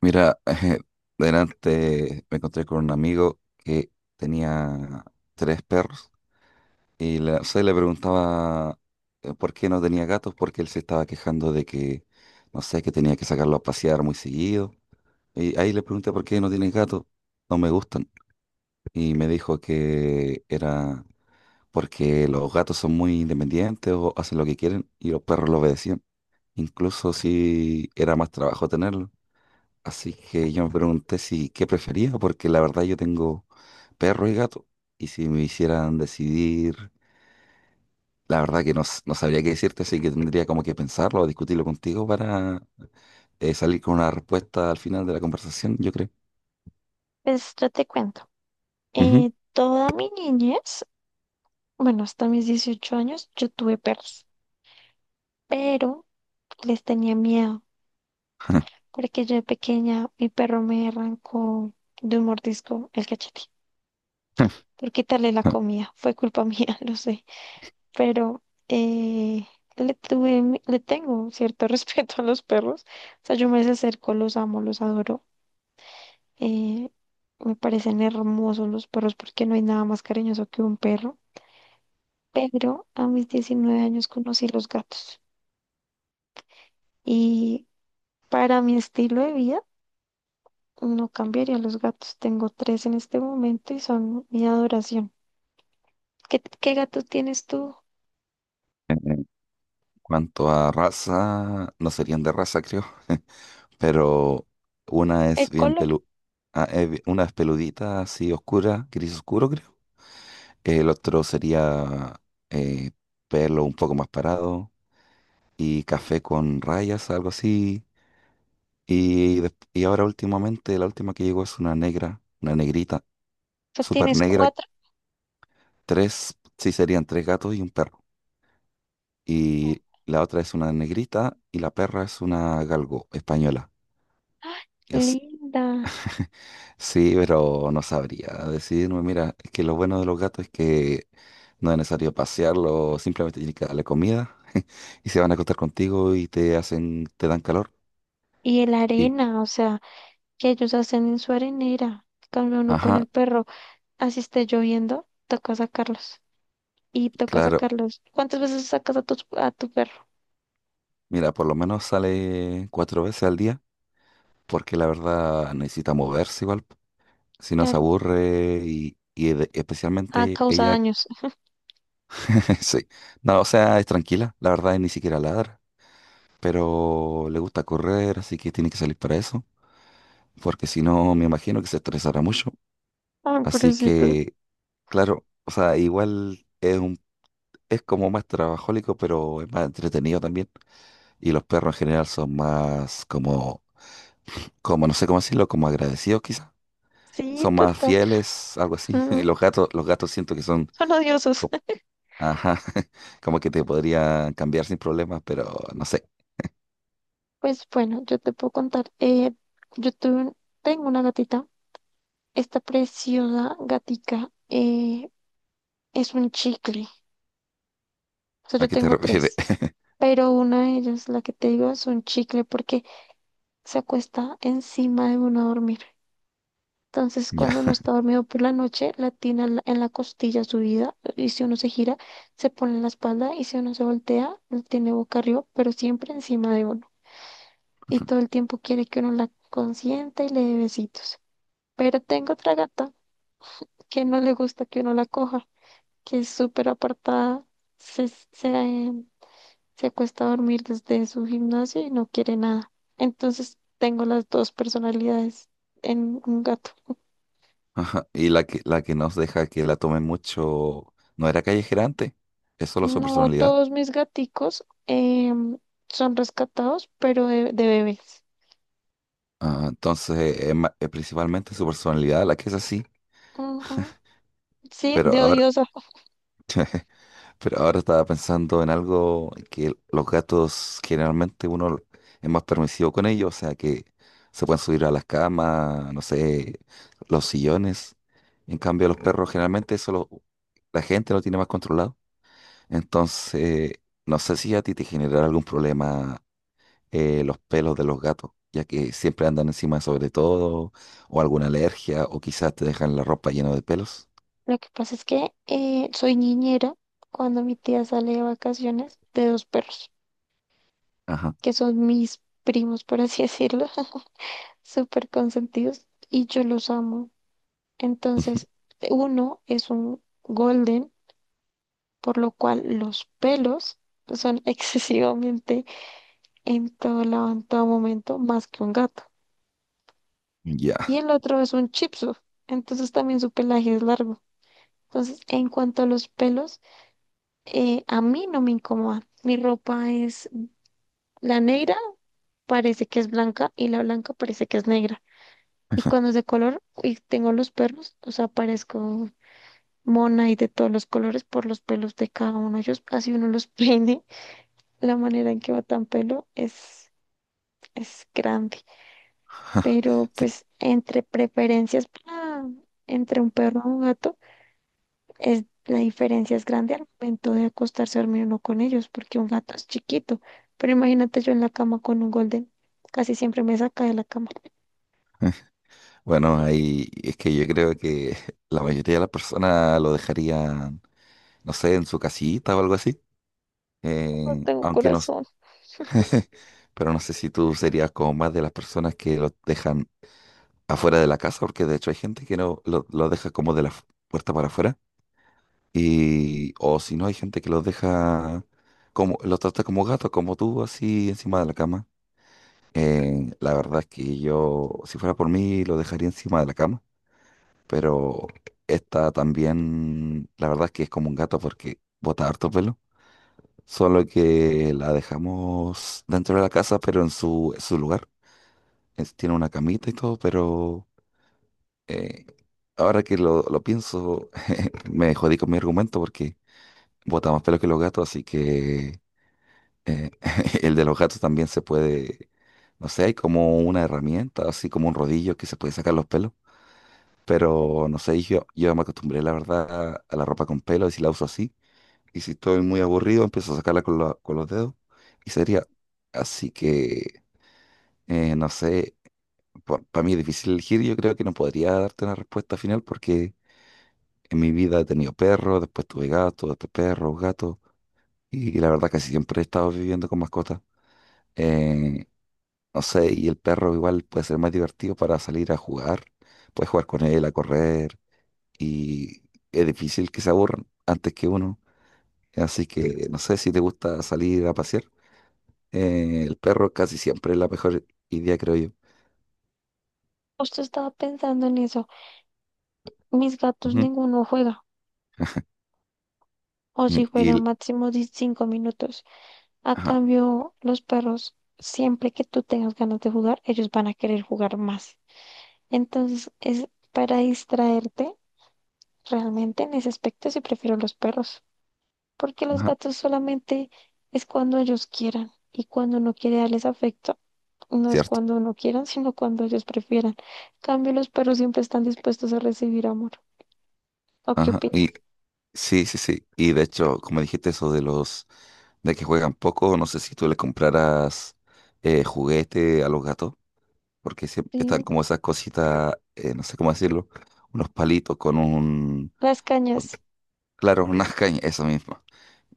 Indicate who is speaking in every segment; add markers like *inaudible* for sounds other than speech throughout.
Speaker 1: Mira, *laughs* delante me encontré con un amigo que tenía 3 perros y se le preguntaba por qué no tenía gatos, porque él se estaba quejando de que, no sé, que tenía que sacarlo a pasear muy seguido. Y ahí le pregunté por qué no tienes gatos, no me gustan. Y me dijo que era porque los gatos son muy independientes o hacen lo que quieren y los perros lo obedecían, incluso si era más trabajo tenerlos. Así que yo me pregunté si qué prefería, porque la verdad yo tengo perro y gato, y si me hicieran decidir, la verdad que no, no sabría qué decirte, así que tendría como que pensarlo o discutirlo contigo para salir con una respuesta al final de la conversación, yo creo.
Speaker 2: Pues yo te cuento.
Speaker 1: Ujú.
Speaker 2: Toda mi niñez, bueno, hasta mis 18 años, yo tuve perros, pero les tenía miedo,
Speaker 1: *laughs*
Speaker 2: porque yo de pequeña, mi perro me arrancó de un mordisco el cachete por quitarle la comida. Fue culpa *laughs* mía, lo sé, pero eh, le tuve, le tengo cierto *laughs* respeto a los perros. O sea, yo me acerco, los amo, los adoro. Eh, me parecen hermosos los perros porque no hay nada más cariñoso que un perro. Pero a mis 19 años conocí los gatos y para mi estilo de vida no cambiaría los gatos. Tengo tres en este momento y son mi adoración. ¿Qué gato tienes tú?
Speaker 1: En cuanto a raza, no serían de raza, creo, *laughs* pero una es
Speaker 2: El
Speaker 1: bien
Speaker 2: color.
Speaker 1: pelu, ah, una es peludita, así oscura, gris oscuro. El otro sería eh, pelo un poco más parado y café con rayas, algo así. Y, y ahora últimamente, la última que llegó es una negra, una negrita,
Speaker 2: O sea,
Speaker 1: súper
Speaker 2: tienes
Speaker 1: negra.
Speaker 2: cuatro.
Speaker 1: Tres, sí, serían 3 gatos y un perro. Y la otra es una negrita y la perra es una galgo española.
Speaker 2: Linda.
Speaker 1: Sí, pero no sabría decirme, mira, es que lo bueno de los gatos es que no es necesario pasearlo, simplemente tienes que darle comida *laughs* y se van a acostar contigo y te hacen, te dan calor.
Speaker 2: Y el
Speaker 1: Y,
Speaker 2: arena, o sea, que ellos hacen en su arenera. Cambia uno con
Speaker 1: ajá,
Speaker 2: el perro. Así esté lloviendo, toca sacarlos. Y toca
Speaker 1: claro,
Speaker 2: sacarlos. ¿Cuántas veces sacas a tu perro?
Speaker 1: mira, por lo menos sale 4 veces al día, porque la verdad necesita moverse igual, si no se
Speaker 2: Claro.
Speaker 1: aburre y
Speaker 2: Ah,
Speaker 1: especialmente
Speaker 2: causa
Speaker 1: ella,
Speaker 2: daños.
Speaker 1: *laughs* sí, no, o sea, es tranquila, la verdad, y ni siquiera ladra, pero le gusta correr, así que tiene que salir para eso, porque si no me imagino que se estresará mucho.
Speaker 2: Ay,
Speaker 1: Así
Speaker 2: pobrecito.
Speaker 1: que, claro, o sea, es como más trabajólico, pero es más entretenido también. Y los perros en general son más como no sé cómo decirlo, como agradecidos quizás.
Speaker 2: Sí,
Speaker 1: Son más
Speaker 2: total.
Speaker 1: fieles, algo así. *laughs* Y
Speaker 2: Mm,
Speaker 1: los gatos siento que son,
Speaker 2: son odiosos.
Speaker 1: co-
Speaker 2: *laughs*
Speaker 1: ajá, *laughs* como que te podrían cambiar sin problemas, pero no sé
Speaker 2: Pues bueno, yo te puedo contar. Yo tuve- tengo una gatita. Esta preciosa gatica es un chicle. O sea,
Speaker 1: a
Speaker 2: yo
Speaker 1: qué te
Speaker 2: tengo
Speaker 1: refieres.
Speaker 2: tres.
Speaker 1: *laughs*
Speaker 2: Pero una de ellas, la que te digo, es un chicle porque se acuesta encima de uno a dormir. Entonces, cuando
Speaker 1: Ya.
Speaker 2: uno está dormido por la noche, la tiene en la costilla subida. Y si uno se gira, se pone en la espalda. Y si uno se voltea, la tiene boca arriba, pero siempre encima de uno. Y todo el tiempo quiere que uno la consienta y le dé besitos. Pero tengo otra gata que no le gusta que uno la coja, que es súper apartada, se, se, se acuesta a dormir desde su gimnasio y no quiere nada. Entonces tengo las dos personalidades en un gato.
Speaker 1: Ajá. Y la que nos deja que la tomen mucho, no era callejera antes, es solo su
Speaker 2: No
Speaker 1: personalidad.
Speaker 2: todos mis gaticos son rescatados, pero de bebés.
Speaker 1: Ah, entonces es, es principalmente su personalidad la que es así,
Speaker 2: Ujú. Sí,
Speaker 1: pero
Speaker 2: de
Speaker 1: ahora,
Speaker 2: odiosa.
Speaker 1: pero ahora estaba pensando en algo que los gatos generalmente uno es más permisivo con ellos, o sea que se pueden subir a las camas, no sé, los sillones. En cambio, los perros generalmente la gente lo tiene más controlado. Entonces, no sé si a ti te genera algún problema, los pelos de los gatos, ya que siempre andan encima sobre todo, o alguna alergia, o quizás te dejan la ropa llena de pelos.
Speaker 2: Lo que pasa es que soy niñera cuando mi tía sale de vacaciones de dos perros,
Speaker 1: Ajá.
Speaker 2: que son mis primos, por así decirlo, *laughs* súper consentidos, y yo los amo. Entonces,
Speaker 1: *laughs*
Speaker 2: uno es un golden, por lo cual los pelos son *laughs* excesivamente en todo lado, en todo momento, más que un gato.
Speaker 1: Ya,
Speaker 2: Y el otro es un shih Tzu, entonces también su pelaje es largo. Entonces, en cuanto a los pelos, a mí no me incomoda. Mi ropa es la negra parece que es blanca y la blanca parece que es negra. Y cuando es de color y tengo los perros, o sea, parezco mona y de todos los colores por los pelos de cada uno. Ellos, así uno los *laughs* peine, la manera en que va tan pelo es grande. Pero
Speaker 1: sí.
Speaker 2: pues entre un perro y un gato, la diferencia es grande al momento de acostarse a dormir uno con ellos, porque un gato es chiquito. Pero imagínate yo en la cama con un golden, casi siempre me saca de la cama.
Speaker 1: Bueno, ahí es que yo creo que *laughs* la mayoría de las personas lo dejarían, no sé, en su casita o algo así.
Speaker 2: No tengo
Speaker 1: Aunque no,
Speaker 2: corazón.
Speaker 1: *laughs* pero no sé si tú serías como más de las personas que lo dejan afuera de la casa, porque de hecho hay gente que no lo, lo deja como de la puerta para afuera. Y, o si no, hay gente que los deja, como, los trata como gatos, como tú, así encima de la cama. La verdad es que yo, si fuera por mí, lo dejaría encima de la cama. Pero esta también, la verdad es que es como un gato porque bota harto pelo. Solo que la dejamos dentro de la casa, pero en en su lugar. Tiene una camita y todo, pero eh, ahora que lo pienso, *laughs* me jodí con mi argumento porque bota más pelo que los gatos, así que Eh, *laughs* el de los gatos también se puede, no sé, hay como una herramienta, así como un rodillo que se puede sacar los pelos. Pero no sé, yo me acostumbré, la verdad, a la ropa con pelo y si la uso así. Y si estoy muy aburrido, empiezo a sacarla con los dedos y sería. Así que, no sé, para mí es difícil elegir. Yo creo que no podría darte una respuesta final porque en mi vida he tenido perros, después tuve gatos, después perros, gatos. Y la verdad, casi siempre he estado viviendo con mascotas. eh, No sé, y el perro igual puede ser más divertido para salir a jugar. Puedes jugar con él, a correr, y es difícil que se aburran antes que uno. Así que no sé si te gusta salir a pasear. El perro casi siempre es la mejor idea, creo yo.
Speaker 2: Justo estaba pensando en eso. Mis gatos
Speaker 1: Ujú.
Speaker 2: ninguno juega, o si
Speaker 1: Y,
Speaker 2: juegan máximo de 5 minutos. A
Speaker 1: ajá,
Speaker 2: cambio, los perros, siempre que tú tengas ganas de jugar, ellos van a querer jugar más. Entonces, es para distraerte. Realmente en ese aspecto sí prefiero los perros, porque los
Speaker 1: ajá,
Speaker 2: gatos solamente es cuando ellos quieran y cuando uno quiere darles afecto. No es
Speaker 1: cierto.
Speaker 2: cuando uno quieran, *laughs* sino cuando ellos prefieran. En cambio, los perros siempre están dispuestos a recibir amor. ¿O qué
Speaker 1: Ajá.
Speaker 2: opinas?
Speaker 1: Y sí, sí, sí. Y de hecho, como dijiste eso de los de que juegan poco, no sé si tú le compraras juguete a los gatos, porque siempre
Speaker 2: Sí,
Speaker 1: están como esas cositas, no sé cómo decirlo, unos palitos con un,
Speaker 2: las
Speaker 1: con-
Speaker 2: cañas.
Speaker 1: claro, unas cañas, eso mismo.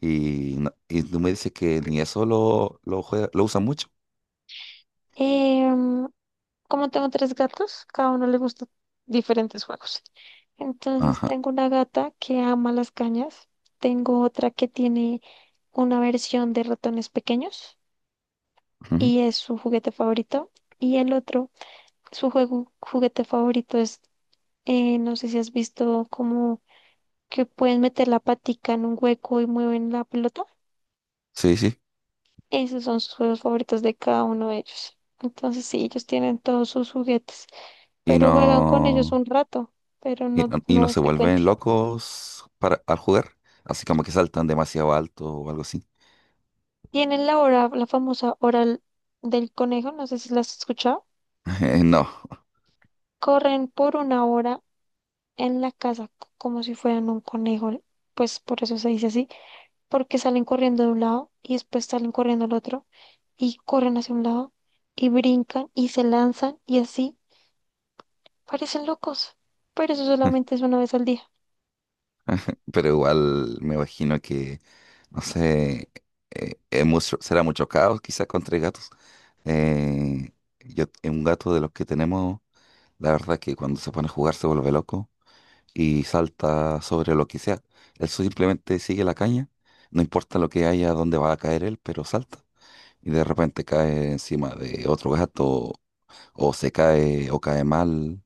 Speaker 1: Y, y tú me dices que ni eso lo usan mucho.
Speaker 2: Em, como tengo tres gatos, cada uno le gusta diferentes juegos. Entonces
Speaker 1: Ajá.
Speaker 2: tengo una gata que ama las cañas. Tengo otra que tiene una versión de ratones pequeños
Speaker 1: Ujú.
Speaker 2: y es su juguete favorito. Y el otro, su juguete favorito es, no sé si has visto como que pueden meter la patica en un hueco y mueven la pelota.
Speaker 1: Sí, sí.
Speaker 2: Esos son sus juegos favoritos de cada uno de ellos. Entonces sí, ellos tienen todos sus juguetes,
Speaker 1: Y
Speaker 2: pero juegan con ellos
Speaker 1: no,
Speaker 2: un rato, pero
Speaker 1: y no
Speaker 2: no
Speaker 1: se
Speaker 2: frecuente.
Speaker 1: vuelven locos para, al jugar, así como que saltan demasiado alto o algo así.
Speaker 2: Tienen la hora, la famosa hora l- del conejo, no sé si la has escuchado.
Speaker 1: *laughs* No,
Speaker 2: Corren por una hora en la casa como si fueran un conejo, pues por eso se dice así, porque salen corriendo de un lado y después salen corriendo al otro y corren hacia un lado y brincan y se lanzan y así parecen locos, pero eso
Speaker 1: *laughs*
Speaker 2: solamente es una vez al día.
Speaker 1: pero igual me imagino que, no sé, es será mucho caos quizás contra gatos. Eh, yo, es un gato de los que tenemos, la verdad es que cuando se pone a jugar se vuelve loco y salta sobre lo que sea. Él simplemente sigue la caña, no importa lo que haya, dónde va a caer él, pero salta. Y de repente cae encima de otro gato, o se cae, o cae mal,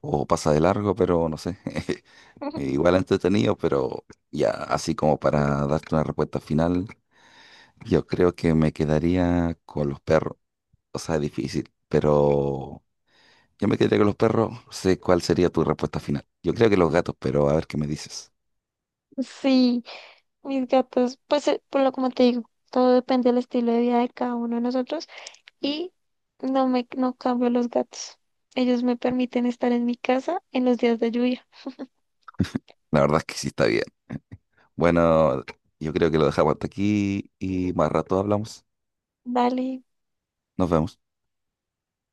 Speaker 1: o pasa de largo, pero no sé. *laughs* Igual entretenido, pero ya así como para darte una respuesta final, yo creo que me quedaría con los perros. O sea, es difícil, pero yo me quedaría con los perros. No sé cuál sería tu respuesta final. Yo creo que los gatos, pero a ver qué me dices.
Speaker 2: Sí, mis gatos, pues por lo como te digo, todo depende del estilo de vida de cada uno de nosotros y no cambio los gatos. Ellos me permiten estar en mi casa en los días de lluvia.
Speaker 1: La verdad es que sí está bien. Bueno, yo creo que lo dejamos hasta aquí y más rato hablamos.
Speaker 2: Dale.
Speaker 1: Nos vemos.